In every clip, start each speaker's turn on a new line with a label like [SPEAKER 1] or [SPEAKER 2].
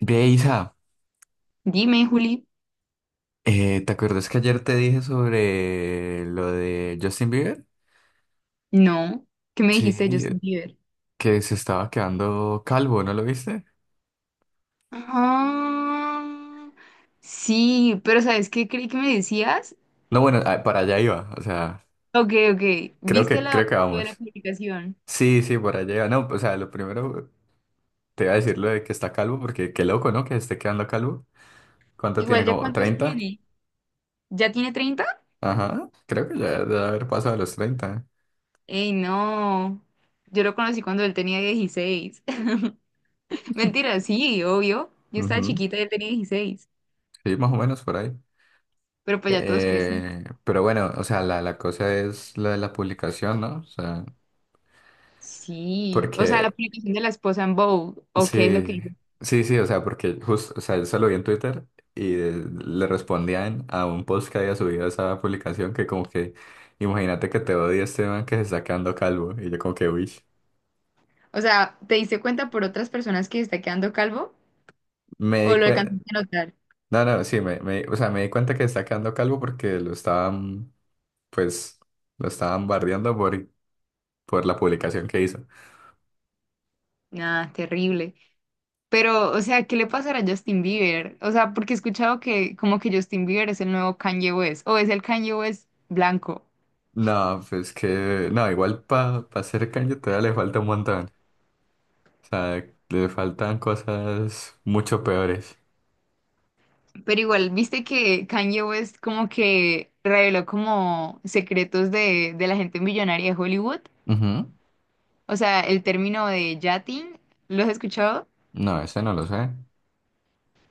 [SPEAKER 1] Ve, Isa,
[SPEAKER 2] Dime, Juli.
[SPEAKER 1] ¿te acuerdas que ayer te dije sobre lo de Justin Bieber?
[SPEAKER 2] No. ¿Qué me
[SPEAKER 1] Sí,
[SPEAKER 2] dijiste de Justin Bieber?
[SPEAKER 1] que se estaba quedando calvo, ¿no lo viste?
[SPEAKER 2] Ah, sí, pero ¿sabes qué creí que me decías?
[SPEAKER 1] No, bueno, para allá iba, o sea,
[SPEAKER 2] Ok, ok.
[SPEAKER 1] creo
[SPEAKER 2] ¿Viste
[SPEAKER 1] que,
[SPEAKER 2] la
[SPEAKER 1] creo que
[SPEAKER 2] foto de la
[SPEAKER 1] vamos.
[SPEAKER 2] publicación?
[SPEAKER 1] Sí, sí, por allá iba. No, o sea, lo primero te iba a decir lo de que está calvo, porque qué loco, ¿no? Que esté quedando calvo. ¿Cuánto tiene?
[SPEAKER 2] Igual, ¿ya
[SPEAKER 1] ¿Como
[SPEAKER 2] cuántos
[SPEAKER 1] 30?
[SPEAKER 2] tiene? ¿Ya tiene treinta?
[SPEAKER 1] Ajá, creo que ya debe haber pasado a los 30.
[SPEAKER 2] Ey, no. Yo lo conocí cuando él tenía 16. Mentira, sí, obvio. Yo estaba
[SPEAKER 1] Ujú.
[SPEAKER 2] chiquita y él tenía dieciséis.
[SPEAKER 1] Sí, más o menos por ahí.
[SPEAKER 2] Pero pues ya todos crecen.
[SPEAKER 1] Pero bueno, o sea, la cosa es la de la publicación, ¿no? O sea,
[SPEAKER 2] Sí. O sea, la
[SPEAKER 1] porque
[SPEAKER 2] publicación de la esposa en Vogue, ¿o qué es lo que
[SPEAKER 1] sí,
[SPEAKER 2] dice?
[SPEAKER 1] sí, sí, o sea, porque justo, o sea, yo se lo vi en Twitter y le respondían a un post que había subido esa publicación que como que, imagínate que te odia este man que se está quedando calvo y yo como que, uy,
[SPEAKER 2] O sea, ¿te diste cuenta por otras personas que está quedando calvo
[SPEAKER 1] me
[SPEAKER 2] o
[SPEAKER 1] di
[SPEAKER 2] lo
[SPEAKER 1] cuenta,
[SPEAKER 2] alcanzaste a notar?
[SPEAKER 1] no, no, sí, o sea, me di cuenta que se está quedando calvo porque lo estaban, pues, lo estaban bardeando por la publicación que hizo.
[SPEAKER 2] Nada, terrible. Pero, o sea, ¿qué le pasará a Justin Bieber? O sea, porque he escuchado que como que Justin Bieber es el nuevo Kanye West, o es el Kanye West blanco.
[SPEAKER 1] No, pues que, no, igual para hacer Kanye todavía le falta un montón. O sea, le faltan cosas mucho peores.
[SPEAKER 2] Pero igual, viste que Kanye West como que reveló como secretos de la gente millonaria de Hollywood.
[SPEAKER 1] Ujú.
[SPEAKER 2] O sea, el término de yachting, ¿lo has escuchado?
[SPEAKER 1] No, ese no lo sé.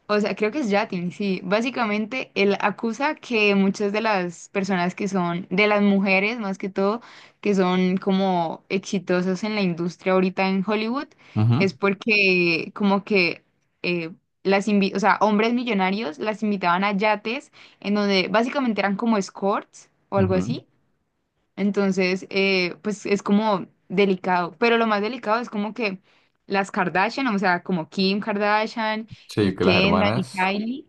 [SPEAKER 2] O sea, creo que es Yatin, sí. Básicamente, él acusa que muchas de las personas que son, de las mujeres más que todo, que son como exitosas en la industria ahorita en Hollywood, es porque como que eh, las invi- o sea, hombres millonarios las invitaban a yates en donde básicamente eran como escorts o algo
[SPEAKER 1] Ujú, ujú.
[SPEAKER 2] así, entonces, pues es como delicado, pero lo más delicado es como que las Kardashian, o sea, como Kim Kardashian y
[SPEAKER 1] Sí, que las
[SPEAKER 2] Kendall y
[SPEAKER 1] hermanas,
[SPEAKER 2] Kylie,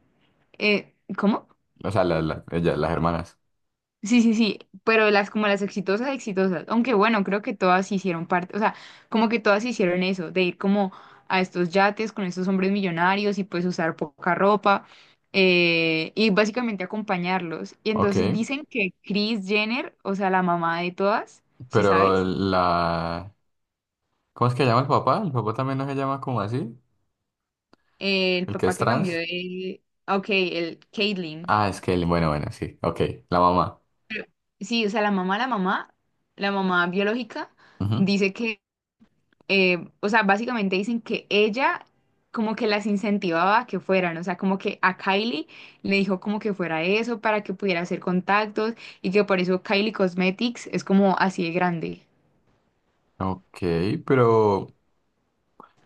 [SPEAKER 2] ¿cómo?
[SPEAKER 1] o sea, ellas, las hermanas.
[SPEAKER 2] Sí, sí, sí, pero las como las exitosas, exitosas, aunque bueno, creo que todas hicieron parte, o sea, como que todas hicieron eso, de ir como a estos yates con estos hombres millonarios y pues usar poca ropa, y básicamente acompañarlos. Y
[SPEAKER 1] Ok,
[SPEAKER 2] entonces dicen que Kris Jenner, o sea, la mamá de todas, ¿sí
[SPEAKER 1] pero…
[SPEAKER 2] sabes?
[SPEAKER 1] la... ¿Cómo es que llama el papá? ¿El papá también no se llama como así?
[SPEAKER 2] El
[SPEAKER 1] ¿El que
[SPEAKER 2] papá
[SPEAKER 1] es
[SPEAKER 2] que
[SPEAKER 1] trans?
[SPEAKER 2] cambió de... ah, Ok, el Caitlyn.
[SPEAKER 1] Ah, es que él, bueno, bueno, sí, ok, la mamá.
[SPEAKER 2] Sí, o sea, la mamá, la mamá, la mamá biológica
[SPEAKER 1] Ujú.
[SPEAKER 2] dice que, o sea, básicamente dicen que ella como que las incentivaba a que fueran, o sea, como que a Kylie le dijo como que fuera eso para que pudiera hacer contactos y que por eso Kylie Cosmetics es como así de grande.
[SPEAKER 1] Ok, pero…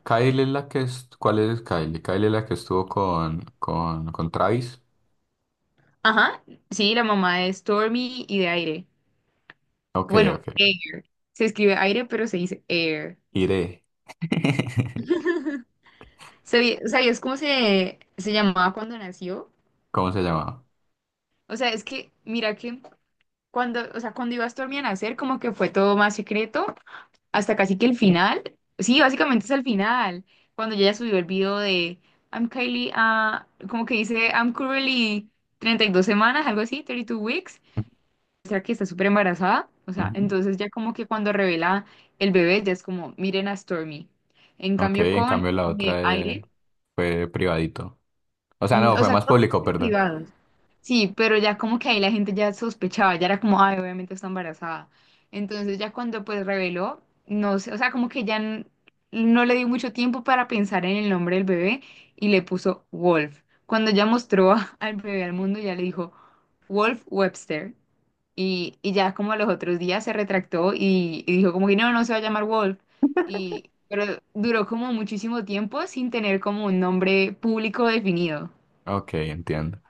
[SPEAKER 1] Kylie es la que es… ¿Cuál es Kylie? Kylie es la que estuvo con Travis.
[SPEAKER 2] Ajá, sí, la mamá de Stormy y de Aire.
[SPEAKER 1] Ok,
[SPEAKER 2] Bueno,
[SPEAKER 1] ok.
[SPEAKER 2] Air. Se escribe Aire, pero se dice Air.
[SPEAKER 1] Iré.
[SPEAKER 2] ¿Sabi- ¿Sabías cómo se, se llamaba cuando nació?
[SPEAKER 1] ¿Cómo se llamaba?
[SPEAKER 2] O sea, es que, mira que cuando, o sea, cuando iba a Stormy a nacer, como que fue todo más secreto, hasta casi que el final. Sí, básicamente es el final, cuando ella subió el video de I'm Kylie, ah, como que dice I'm currently 32 semanas, algo así, 32 weeks. O sea, que está súper embarazada. O sea,
[SPEAKER 1] Ujú.
[SPEAKER 2] entonces ya como que cuando revela el bebé, ya es como, miren a Stormy. En
[SPEAKER 1] Ok,
[SPEAKER 2] cambio
[SPEAKER 1] en
[SPEAKER 2] con
[SPEAKER 1] cambio la otra
[SPEAKER 2] Aire.
[SPEAKER 1] fue privadito. O sea,
[SPEAKER 2] Mm,
[SPEAKER 1] no,
[SPEAKER 2] o
[SPEAKER 1] fue
[SPEAKER 2] sea,
[SPEAKER 1] más
[SPEAKER 2] todos
[SPEAKER 1] público,
[SPEAKER 2] eran
[SPEAKER 1] perdón.
[SPEAKER 2] privados. Sí, pero ya como que ahí la gente ya sospechaba, ya era como, ay, obviamente está embarazada. Entonces ya cuando pues reveló, no sé, o sea, como que ya n- no le dio mucho tiempo para pensar en el nombre del bebé y le puso Wolf. Cuando ya mostró a- al bebé al mundo, ya le dijo Wolf Webster. Y ya como a los otros días se retractó y dijo como que no, no se va a llamar Wolf. Y, pero duró como muchísimo tiempo sin tener como un nombre público definido.
[SPEAKER 1] Ok, entiendo.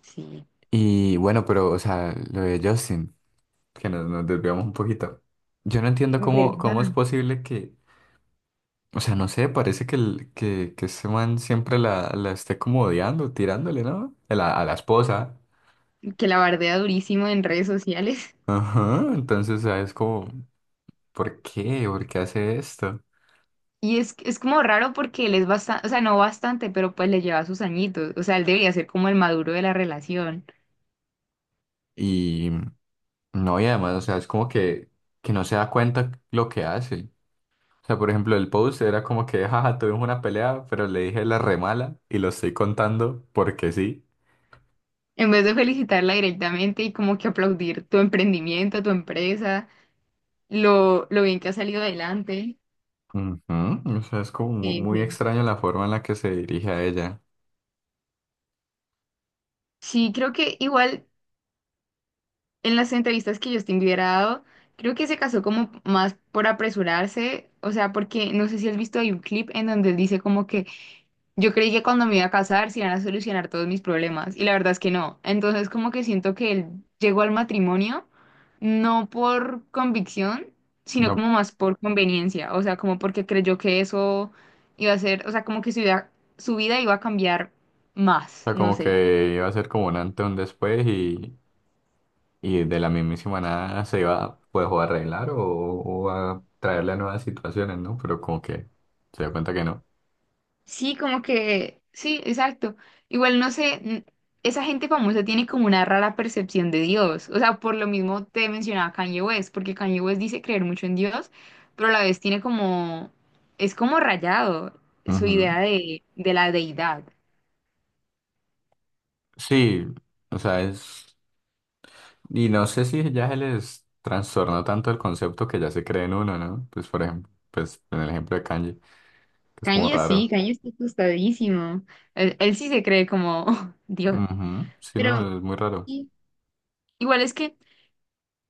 [SPEAKER 2] Sí,
[SPEAKER 1] Y bueno, pero, o sea, lo de Justin, que nos desviamos un poquito. Yo no entiendo cómo,
[SPEAKER 2] verdad,
[SPEAKER 1] cómo es posible que, o sea, no sé, parece que ese man siempre la esté como odiando, tirándole, ¿no? A la esposa.
[SPEAKER 2] que la bardea durísimo en redes sociales.
[SPEAKER 1] Ajá, entonces, o sea, es como, ¿por qué? ¿Por qué hace esto?
[SPEAKER 2] Y es como raro porque él es bastante, o sea, no bastante, pero pues le lleva sus añitos. O sea, él debería ser como el maduro de la relación.
[SPEAKER 1] Y no, y además, o sea, es como que no se da cuenta lo que hace. O sea, por ejemplo, el post era como que, jaja, tuvimos una pelea, pero le dije la remala y lo estoy contando porque sí.
[SPEAKER 2] En vez de felicitarla directamente y como que aplaudir tu emprendimiento, tu empresa, lo bien que ha salido adelante.
[SPEAKER 1] Ujú, o sea, es como
[SPEAKER 2] Sí,
[SPEAKER 1] muy
[SPEAKER 2] sí.
[SPEAKER 1] extraña la forma en la que se dirige a ella.
[SPEAKER 2] Sí, creo que igual en las entrevistas que Justin Bieber ha dado, creo que se casó como más por apresurarse, o sea, porque no sé si has visto, hay un clip en donde él dice como que yo creí que cuando me iba a casar se iban a solucionar todos mis problemas y la verdad es que no. Entonces como que siento que él llegó al matrimonio no por convicción, sino
[SPEAKER 1] No,
[SPEAKER 2] como
[SPEAKER 1] o
[SPEAKER 2] más por conveniencia, o sea, como porque creyó que eso iba a ser, o sea, como que su vida iba a cambiar más,
[SPEAKER 1] sea,
[SPEAKER 2] no
[SPEAKER 1] como
[SPEAKER 2] sé.
[SPEAKER 1] que iba a ser como un antes, un después y de la mismísima nada se iba pues o a arreglar o a traerle a nuevas situaciones, ¿no? Pero como que se dio cuenta que no.
[SPEAKER 2] Sí, como que, sí, exacto. Igual no sé, n- esa gente famosa tiene como una rara percepción de Dios. O sea, por lo mismo te mencionaba Kanye West, porque Kanye West dice creer mucho en Dios, pero a la vez tiene como, es como rayado su
[SPEAKER 1] Ujú.
[SPEAKER 2] idea de la deidad.
[SPEAKER 1] Sí, o sea, es… Y no sé si ya se les trastornó tanto el concepto que ya se cree en uno, ¿no? Pues por ejemplo, pues en el ejemplo de Kanye, que es como
[SPEAKER 2] Kanye sí,
[SPEAKER 1] raro.
[SPEAKER 2] Kanye está asustadísimo. Él sí se cree como Dios.
[SPEAKER 1] Ujú. Sí,
[SPEAKER 2] Pero
[SPEAKER 1] no, es muy raro.
[SPEAKER 2] sí, igual es que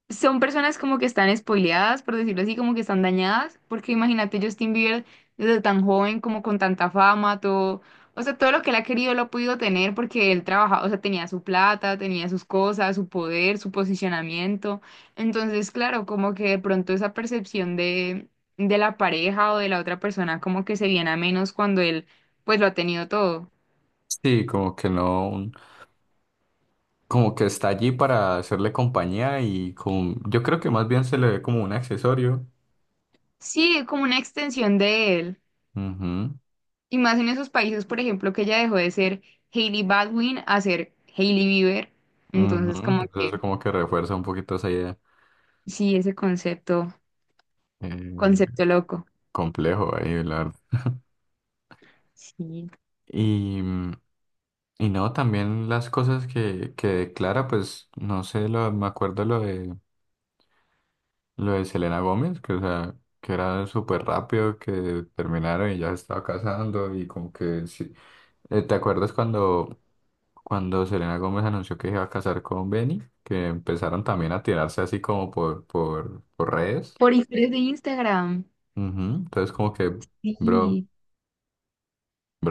[SPEAKER 2] son personas como que están spoileadas, por decirlo así, como que están dañadas, porque imagínate Justin Bieber desde tan joven, como con tanta fama, todo, o sea, todo lo que él ha querido lo ha podido tener porque él trabajaba, o sea, tenía su plata, tenía sus cosas, su poder, su posicionamiento. Entonces, claro, como que de pronto esa percepción de la pareja o de la otra persona como que se viene a menos cuando él, pues, lo ha tenido todo.
[SPEAKER 1] Sí, como que no, como que está allí para hacerle compañía y como, yo creo que más bien se le ve como un accesorio.
[SPEAKER 2] Sí, como una extensión de él.
[SPEAKER 1] Ujú.
[SPEAKER 2] Y más en esos países, por ejemplo, que ella dejó de ser Hailey Baldwin a ser Hailey Bieber.
[SPEAKER 1] Ujú,
[SPEAKER 2] Entonces, como
[SPEAKER 1] entonces
[SPEAKER 2] que
[SPEAKER 1] eso como que refuerza un poquito esa idea.
[SPEAKER 2] sí, ese concepto,
[SPEAKER 1] eh,
[SPEAKER 2] concepto loco.
[SPEAKER 1] Complejo ahí, la verdad.
[SPEAKER 2] Sí.
[SPEAKER 1] Y, mm, y no, también las cosas que declara, pues no sé, me acuerdo lo de Selena Gómez, que o sea, que era súper rápido, que terminaron y ya se estaba casando y como que sí. ¿Te acuerdas cuando, Selena Gómez anunció que se iba a casar con Benny? Que empezaron también a tirarse así como por redes.
[SPEAKER 2] Por historias de Instagram.
[SPEAKER 1] Ujú, entonces como que, bro.
[SPEAKER 2] Sí.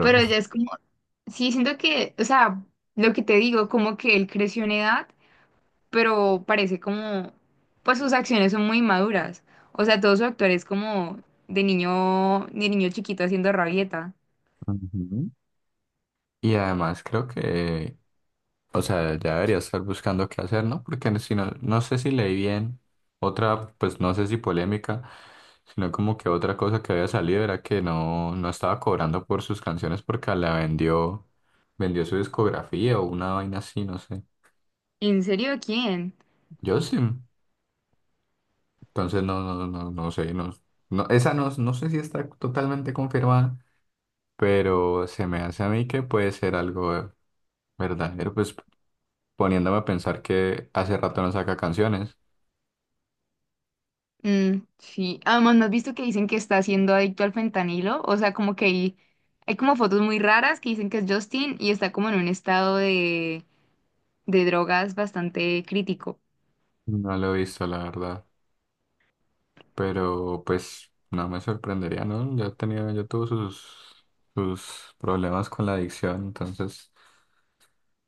[SPEAKER 2] Pero ya es como, sí, siento que, o sea, lo que te digo, como que él creció en edad, pero parece como, pues sus acciones son muy maduras. O sea, todo su actuar es como de niño chiquito haciendo rabieta.
[SPEAKER 1] ujú. Y además creo que, o sea, ya debería estar buscando qué hacer, ¿no? Porque si no, no sé si leí bien otra, pues no sé si polémica, sino como que otra cosa que había salido era que no estaba cobrando por sus canciones porque la vendió su discografía o una vaina así, no sé.
[SPEAKER 2] ¿En serio quién?
[SPEAKER 1] Yo sí, entonces no sé, no, esa no, no sé si está totalmente confirmada, pero se me hace a mí que puede ser algo verdadero, pues poniéndome a pensar que hace rato no saca canciones.
[SPEAKER 2] Mm, sí, además, ¿no has visto que dicen que está siendo adicto al fentanilo? O sea, como que hay como fotos muy raras que dicen que es Justin y está como en un estado de drogas bastante crítico,
[SPEAKER 1] No lo he visto, la verdad. Pero pues no me sorprendería, ¿no? Ya tuvo sus problemas con la adicción, entonces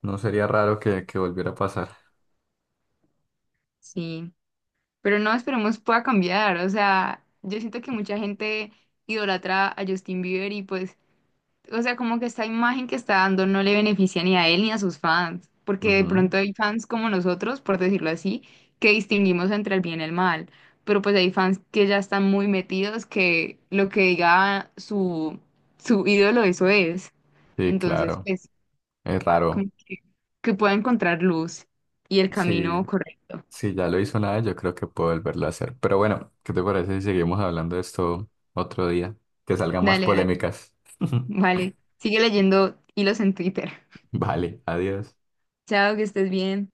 [SPEAKER 1] no sería raro que volviera a pasar.
[SPEAKER 2] sí. Pero no, esperemos pueda cambiar, o sea, yo siento que mucha gente idolatra a Justin Bieber y pues, o sea, como que esta imagen que está dando no le beneficia ni a él ni a sus fans, porque de
[SPEAKER 1] Ujú.
[SPEAKER 2] pronto hay fans como nosotros, por decirlo así, que distinguimos entre el bien y el mal, pero pues hay fans que ya están muy metidos que lo que diga su, su ídolo eso es.
[SPEAKER 1] Sí,
[SPEAKER 2] Entonces,
[SPEAKER 1] claro,
[SPEAKER 2] pues,
[SPEAKER 1] es
[SPEAKER 2] como
[SPEAKER 1] raro.
[SPEAKER 2] que pueda encontrar luz y el
[SPEAKER 1] Sí,
[SPEAKER 2] camino correcto.
[SPEAKER 1] si ya lo hizo nada, yo creo que puedo volverlo a hacer. Pero bueno, ¿qué te parece si seguimos hablando de esto otro día? Que salgan más
[SPEAKER 2] Dale, dale,
[SPEAKER 1] polémicas.
[SPEAKER 2] vale. Sigue leyendo hilos en Twitter.
[SPEAKER 1] Vale, adiós.
[SPEAKER 2] Chao, que estés bien.